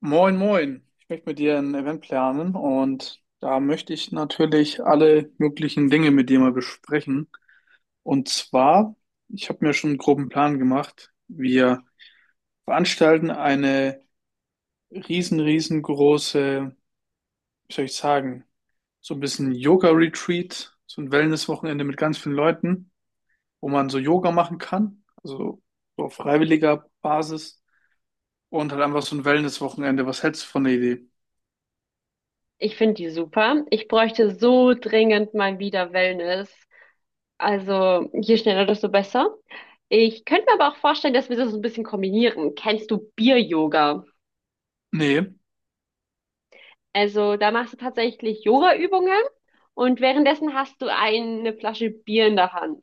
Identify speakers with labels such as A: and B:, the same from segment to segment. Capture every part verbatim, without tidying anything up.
A: Moin, moin. Ich möchte mit dir ein Event planen und da möchte ich natürlich alle möglichen Dinge mit dir mal besprechen. Und zwar, ich habe mir schon einen groben Plan gemacht. Wir veranstalten eine riesen, riesengroße, wie soll ich sagen, so ein bisschen Yoga-Retreat, so ein Wellness-Wochenende mit ganz vielen Leuten, wo man so Yoga machen kann, also so auf freiwilliger Basis und halt einfach so ein Wellness-Wochenende. Was hältst du von der Idee?
B: Ich finde die super. Ich bräuchte so dringend mal wieder Wellness. Also je schneller, desto besser. Ich könnte mir aber auch vorstellen, dass wir das so ein bisschen kombinieren. Kennst du Bier-Yoga?
A: Nee,
B: Also da machst du tatsächlich Yoga-Übungen und währenddessen hast du eine Flasche Bier in der Hand.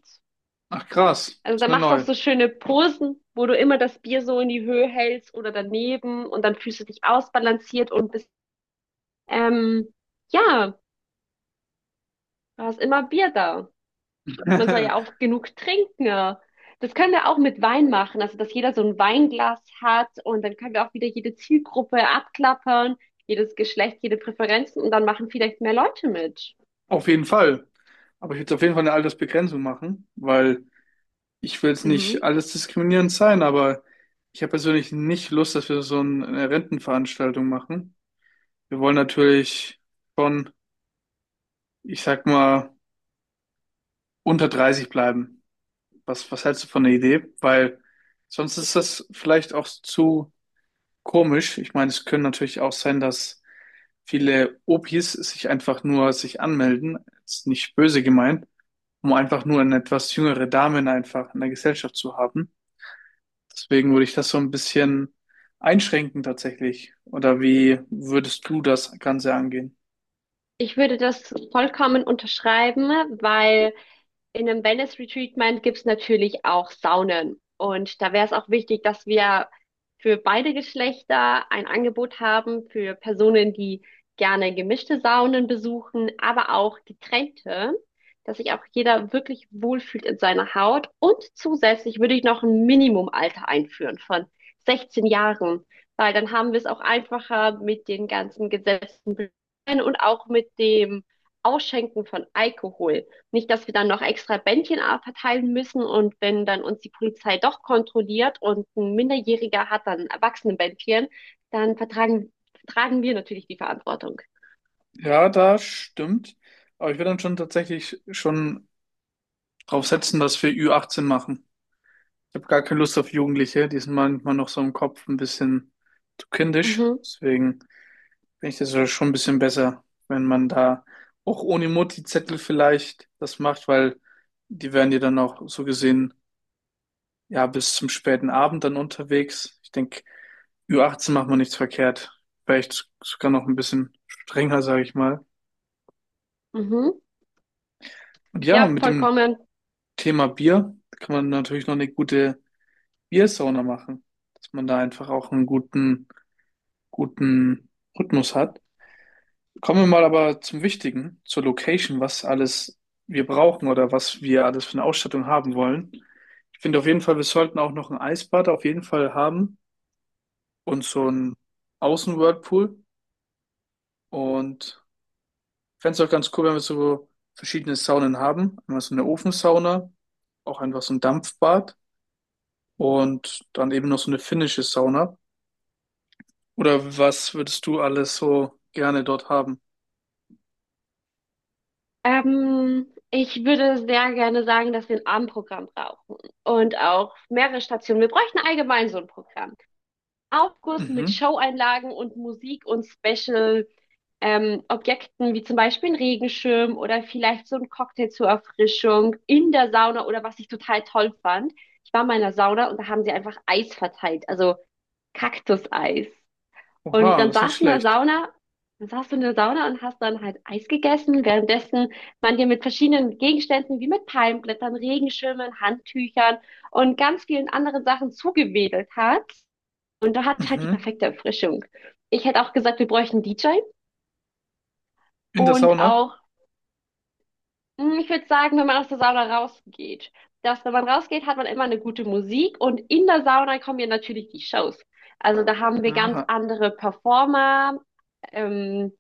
A: ach krass,
B: Also
A: das ist
B: da
A: mir
B: machst du auch
A: neu.
B: so schöne Posen, wo du immer das Bier so in die Höhe hältst oder daneben und dann fühlst du dich ausbalanciert und bist, ähm, ja, du hast immer Bier da. Man soll ja auch genug trinken. Das können wir auch mit Wein machen, also dass jeder so ein Weinglas hat und dann können wir auch wieder jede Zielgruppe abklappern, jedes Geschlecht, jede Präferenzen und dann machen vielleicht mehr Leute mit.
A: Auf jeden Fall. Aber ich würde auf jeden Fall eine Altersbegrenzung machen, weil ich will jetzt nicht
B: Mhm.
A: alles diskriminierend sein, aber ich habe persönlich nicht Lust, dass wir so eine Rentenveranstaltung machen. Wir wollen natürlich schon, ich sag mal, unter dreißig bleiben. Was, was hältst du von der Idee? Weil sonst ist das vielleicht auch zu komisch. Ich meine, es können natürlich auch sein, dass viele Opis sich einfach nur sich anmelden. Ist nicht böse gemeint, um einfach nur eine etwas jüngere Dame einfach in der Gesellschaft zu haben. Deswegen würde ich das so ein bisschen einschränken tatsächlich. Oder wie würdest du das Ganze angehen?
B: Ich würde das vollkommen unterschreiben, weil in einem Wellness-Retreatment gibt's natürlich auch Saunen. Und da wäre es auch wichtig, dass wir für beide Geschlechter ein Angebot haben, für Personen, die gerne gemischte Saunen besuchen, aber auch getrennte, dass sich auch jeder wirklich wohlfühlt in seiner Haut. Und zusätzlich würde ich noch ein Minimumalter einführen von sechzehn Jahren, weil dann haben wir es auch einfacher mit den ganzen Gesetzen und auch mit dem Ausschenken von Alkohol. Nicht, dass wir dann noch extra Bändchen verteilen müssen und wenn dann uns die Polizei doch kontrolliert und ein Minderjähriger hat dann ein Erwachsenenbändchen, dann vertragen, tragen wir natürlich die Verantwortung.
A: Ja, das stimmt. Aber ich würde dann schon tatsächlich schon drauf setzen, dass wir ü achtzehn machen. Ich habe gar keine Lust auf Jugendliche. Die sind manchmal noch so im Kopf ein bisschen zu kindisch.
B: Mhm,
A: Deswegen finde ich das ja schon ein bisschen besser, wenn man da auch ohne Mutti-Zettel vielleicht das macht, weil die werden dir dann auch so gesehen ja, bis zum späten Abend dann unterwegs. Ich denke, ü achtzehn macht man nichts verkehrt. Vielleicht sogar noch ein bisschen strenger, sage ich mal.
B: mhm.
A: Und ja,
B: Ja,
A: mit dem
B: vollkommen.
A: Thema Bier kann man natürlich noch eine gute Biersauna machen, dass man da einfach auch einen guten, guten Rhythmus hat. Kommen wir mal aber zum Wichtigen, zur Location, was alles wir brauchen oder was wir alles für eine Ausstattung haben wollen. Ich finde auf jeden Fall, wir sollten auch noch ein Eisbad auf jeden Fall haben und so ein Außenwhirlpool. Und fände es auch ganz cool, wenn wir so verschiedene Saunen haben. Einmal so eine Ofensauna, auch einfach so ein Dampfbad und dann eben noch so eine finnische Sauna. Oder was würdest du alles so gerne dort haben?
B: Ähm, ich würde sehr gerne sagen, dass wir ein Abendprogramm brauchen und auch mehrere Stationen. Wir bräuchten allgemein so ein Programm. Aufguss mit
A: Mhm.
B: Showeinlagen und Musik und Special ähm, Objekten, wie zum Beispiel ein Regenschirm oder vielleicht so ein Cocktail zur Erfrischung in der Sauna oder was ich total toll fand. Ich war mal in der Sauna und da haben sie einfach Eis verteilt, also Kaktuseis. Und
A: Oha,
B: dann
A: das ist nicht
B: saß du in der
A: schlecht.
B: Sauna, dann saß du in der Sauna und hast dann halt Eis gegessen, währenddessen man dir mit verschiedenen Gegenständen wie mit Palmblättern, Regenschirmen, Handtüchern und ganz vielen anderen Sachen zugewedelt hat. Und da hat halt die
A: Mhm.
B: perfekte Erfrischung. Ich hätte auch gesagt, wir bräuchten einen D J
A: In der
B: und
A: Sauna?
B: auch, hm, ich würde sagen, wenn man aus der Sauna rausgeht, dass wenn man rausgeht, hat man immer eine gute Musik und in der Sauna kommen ja natürlich die Shows. Also da haben wir ganz
A: Aha.
B: andere Performer, ähm,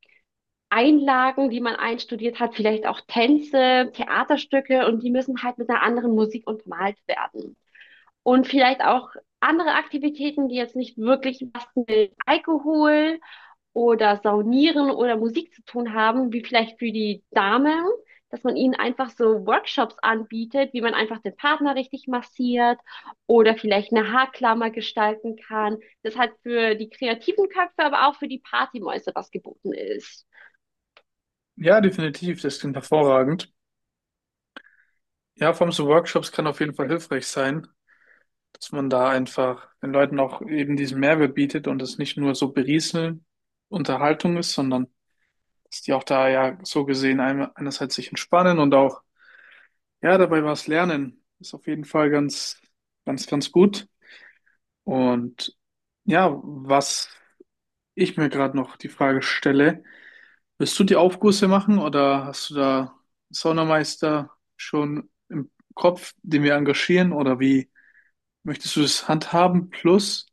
B: Einlagen, die man einstudiert hat, vielleicht auch Tänze, Theaterstücke und die müssen halt mit einer anderen Musik untermalt werden. Und vielleicht auch andere Aktivitäten, die jetzt nicht wirklich was mit Alkohol oder Saunieren oder Musik zu tun haben, wie vielleicht für die Damen, dass man ihnen einfach so Workshops anbietet, wie man einfach den Partner richtig massiert oder vielleicht eine Haarklammer gestalten kann. Das hat für die kreativen Köpfe, aber auch für die Partymäuse was geboten ist.
A: Ja, definitiv, das klingt hervorragend. Ja, vor allem so Workshops kann auf jeden Fall hilfreich sein, dass man da einfach den Leuten auch eben diesen Mehrwert bietet und es nicht nur so berieseln Unterhaltung ist, sondern dass die auch da ja so gesehen ein- einerseits sich entspannen und auch, ja, dabei was lernen. Ist auf jeden Fall ganz, ganz, ganz gut. Und ja, was ich mir gerade noch die Frage stelle, willst du die Aufgüsse machen oder hast du da einen Saunameister schon im Kopf, den wir engagieren oder wie möchtest du das handhaben? Plus,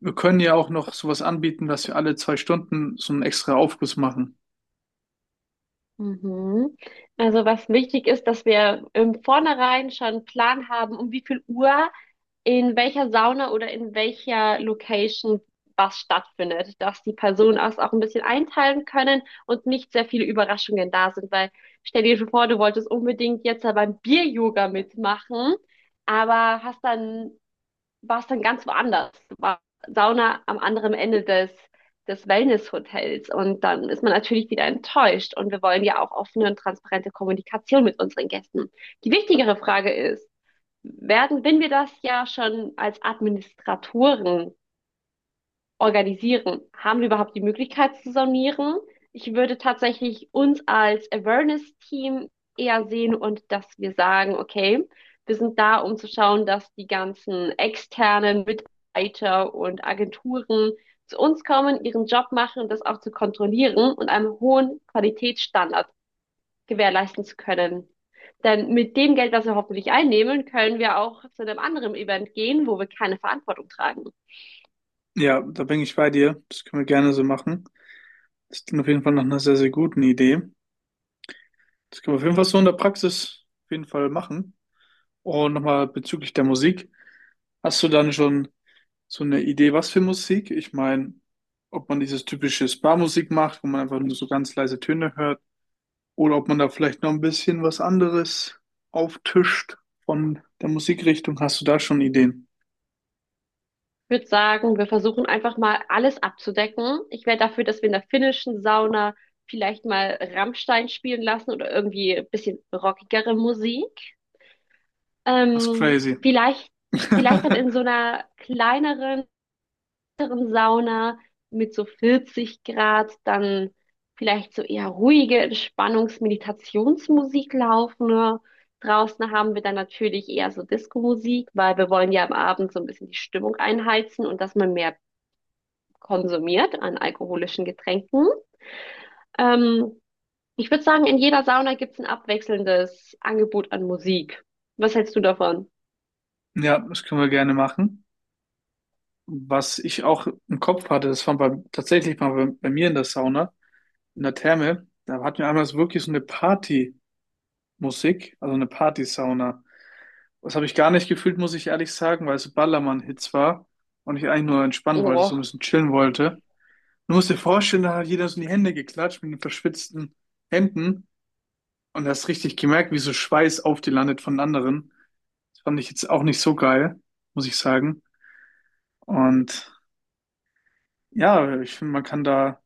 A: wir können ja auch noch sowas anbieten, dass wir alle zwei Stunden so einen extra Aufguss machen.
B: Mhm. Also was wichtig ist, dass wir im Vornherein schon einen Plan haben, um wie viel Uhr in welcher Sauna oder in welcher Location was stattfindet, dass die Personen das auch ein bisschen einteilen können und nicht sehr viele Überraschungen da sind, weil stell dir vor, du wolltest unbedingt jetzt da beim Bier-Yoga mitmachen, aber hast dann, warst dann ganz woanders. Du warst Sauna am anderen Ende des, des Wellness-Hotels und dann ist man natürlich wieder enttäuscht und wir wollen ja auch offene und transparente Kommunikation mit unseren Gästen. Die wichtigere Frage ist, werden, wenn wir das ja schon als Administratoren organisieren, haben wir überhaupt die Möglichkeit zu sonieren? Ich würde tatsächlich uns als Awareness-Team eher sehen und dass wir sagen, okay, wir sind da, um zu schauen, dass die ganzen externen Mitarbeiter und Agenturen zu uns kommen, ihren Job machen und das auch zu kontrollieren und einem hohen Qualitätsstandard gewährleisten zu können. Denn mit dem Geld, was wir hoffentlich einnehmen, können wir auch zu einem anderen Event gehen, wo wir keine Verantwortung tragen.
A: Ja, da bin ich bei dir. Das können wir gerne so machen. Das klingt auf jeden Fall nach einer sehr, sehr guten Idee. Das können wir auf jeden Fall so in der Praxis auf jeden Fall machen. Und nochmal bezüglich der Musik. Hast du dann schon so eine Idee, was für Musik? Ich meine, ob man dieses typische Spa-Musik macht, wo man einfach nur so ganz leise Töne hört, oder ob man da vielleicht noch ein bisschen was anderes auftischt von der Musikrichtung. Hast du da schon Ideen?
B: Ich würde sagen, wir versuchen einfach mal alles abzudecken. Ich wäre dafür, dass wir in der finnischen Sauna vielleicht mal Rammstein spielen lassen oder irgendwie ein bisschen rockigere Musik.
A: Das ist
B: Ähm,
A: crazy.
B: vielleicht, vielleicht dann in so einer kleineren Sauna mit so vierzig Grad, dann vielleicht so eher ruhige Entspannungs-Meditationsmusik laufen. Ne? Draußen haben wir dann natürlich eher so Disco-Musik, weil wir wollen ja am Abend so ein bisschen die Stimmung einheizen und dass man mehr konsumiert an alkoholischen Getränken. Ähm, ich würde sagen, in jeder Sauna gibt's ein abwechselndes Angebot an Musik. Was hältst du davon?
A: Ja, das können wir gerne machen. Was ich auch im Kopf hatte, das war bei, tatsächlich mal bei, bei mir in der Sauna. In der Therme, da hatten wir einmal so wirklich so eine Partymusik, also eine Partysauna. Das habe ich gar nicht gefühlt, muss ich ehrlich sagen, weil es so Ballermann-Hits war und ich eigentlich nur entspannen wollte, so ein
B: Oh,
A: bisschen chillen wollte. Du musst dir vorstellen, da hat jeder so in die Hände geklatscht mit den verschwitzten Händen und hast richtig gemerkt, wie so Schweiß auf die landet von anderen. Das fand ich jetzt auch nicht so geil, muss ich sagen. Und ja, ich finde, man kann da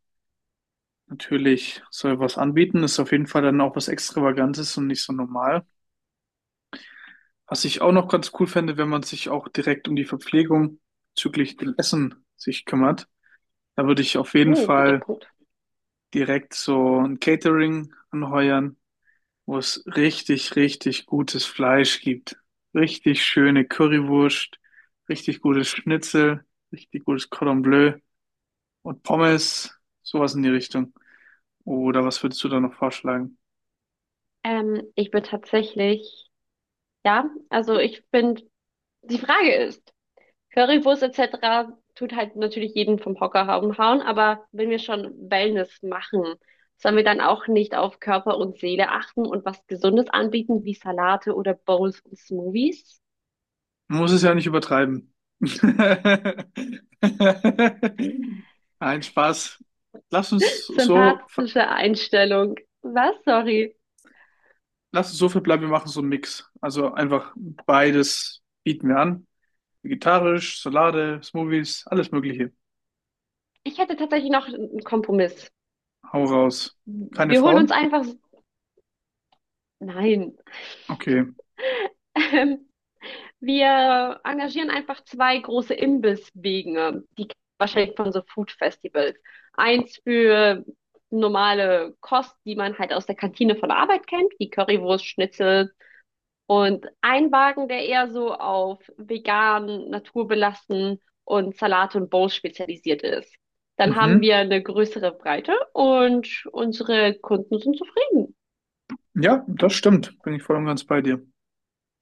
A: natürlich so etwas anbieten. Ist auf jeden Fall dann auch was Extravagantes und nicht so normal. Was ich auch noch ganz cool fände, wenn man sich auch direkt um die Verpflegung bezüglich dem Essen sich kümmert. Da würde ich auf jeden
B: uh, guter
A: Fall
B: Punkt.
A: direkt so ein Catering anheuern, wo es richtig, richtig gutes Fleisch gibt. Richtig schöne Currywurst, richtig gutes Schnitzel, richtig gutes Cordon Bleu und Pommes, sowas in die Richtung. Oder was würdest du da noch vorschlagen?
B: Ähm, ich bin tatsächlich, ja, also ich bin die Frage ist, Currywurst et cetera tut halt natürlich jeden vom Hocker hau- hauen, aber wenn wir schon Wellness machen, sollen wir dann auch nicht auf Körper und Seele achten und was Gesundes anbieten, wie Salate oder Bowls und Smoothies?
A: Man muss es ja nicht übertreiben. Nein, Spaß. Lass uns so, ver-
B: Sympathische Einstellung. Was? Sorry.
A: lass uns so verbleiben, wir machen so einen Mix. Also einfach beides bieten wir an. Vegetarisch, Salate, Smoothies, alles Mögliche.
B: Ich hätte tatsächlich noch einen Kompromiss.
A: Hau raus. Keine
B: Wir holen uns
A: Frauen?
B: einfach... Nein.
A: Okay.
B: Wir engagieren einfach zwei große Imbisswege, die kennt man wahrscheinlich von so Food Festivals. Eins für normale Kost, die man halt aus der Kantine von der Arbeit kennt, wie Currywurst, Schnitzel und ein Wagen, der eher so auf vegan, naturbelassen und Salate und Bowls spezialisiert ist. Dann haben
A: Mhm.
B: wir eine größere Breite und unsere Kunden sind zufrieden.
A: Ja, das stimmt. Bin ich voll und ganz bei dir.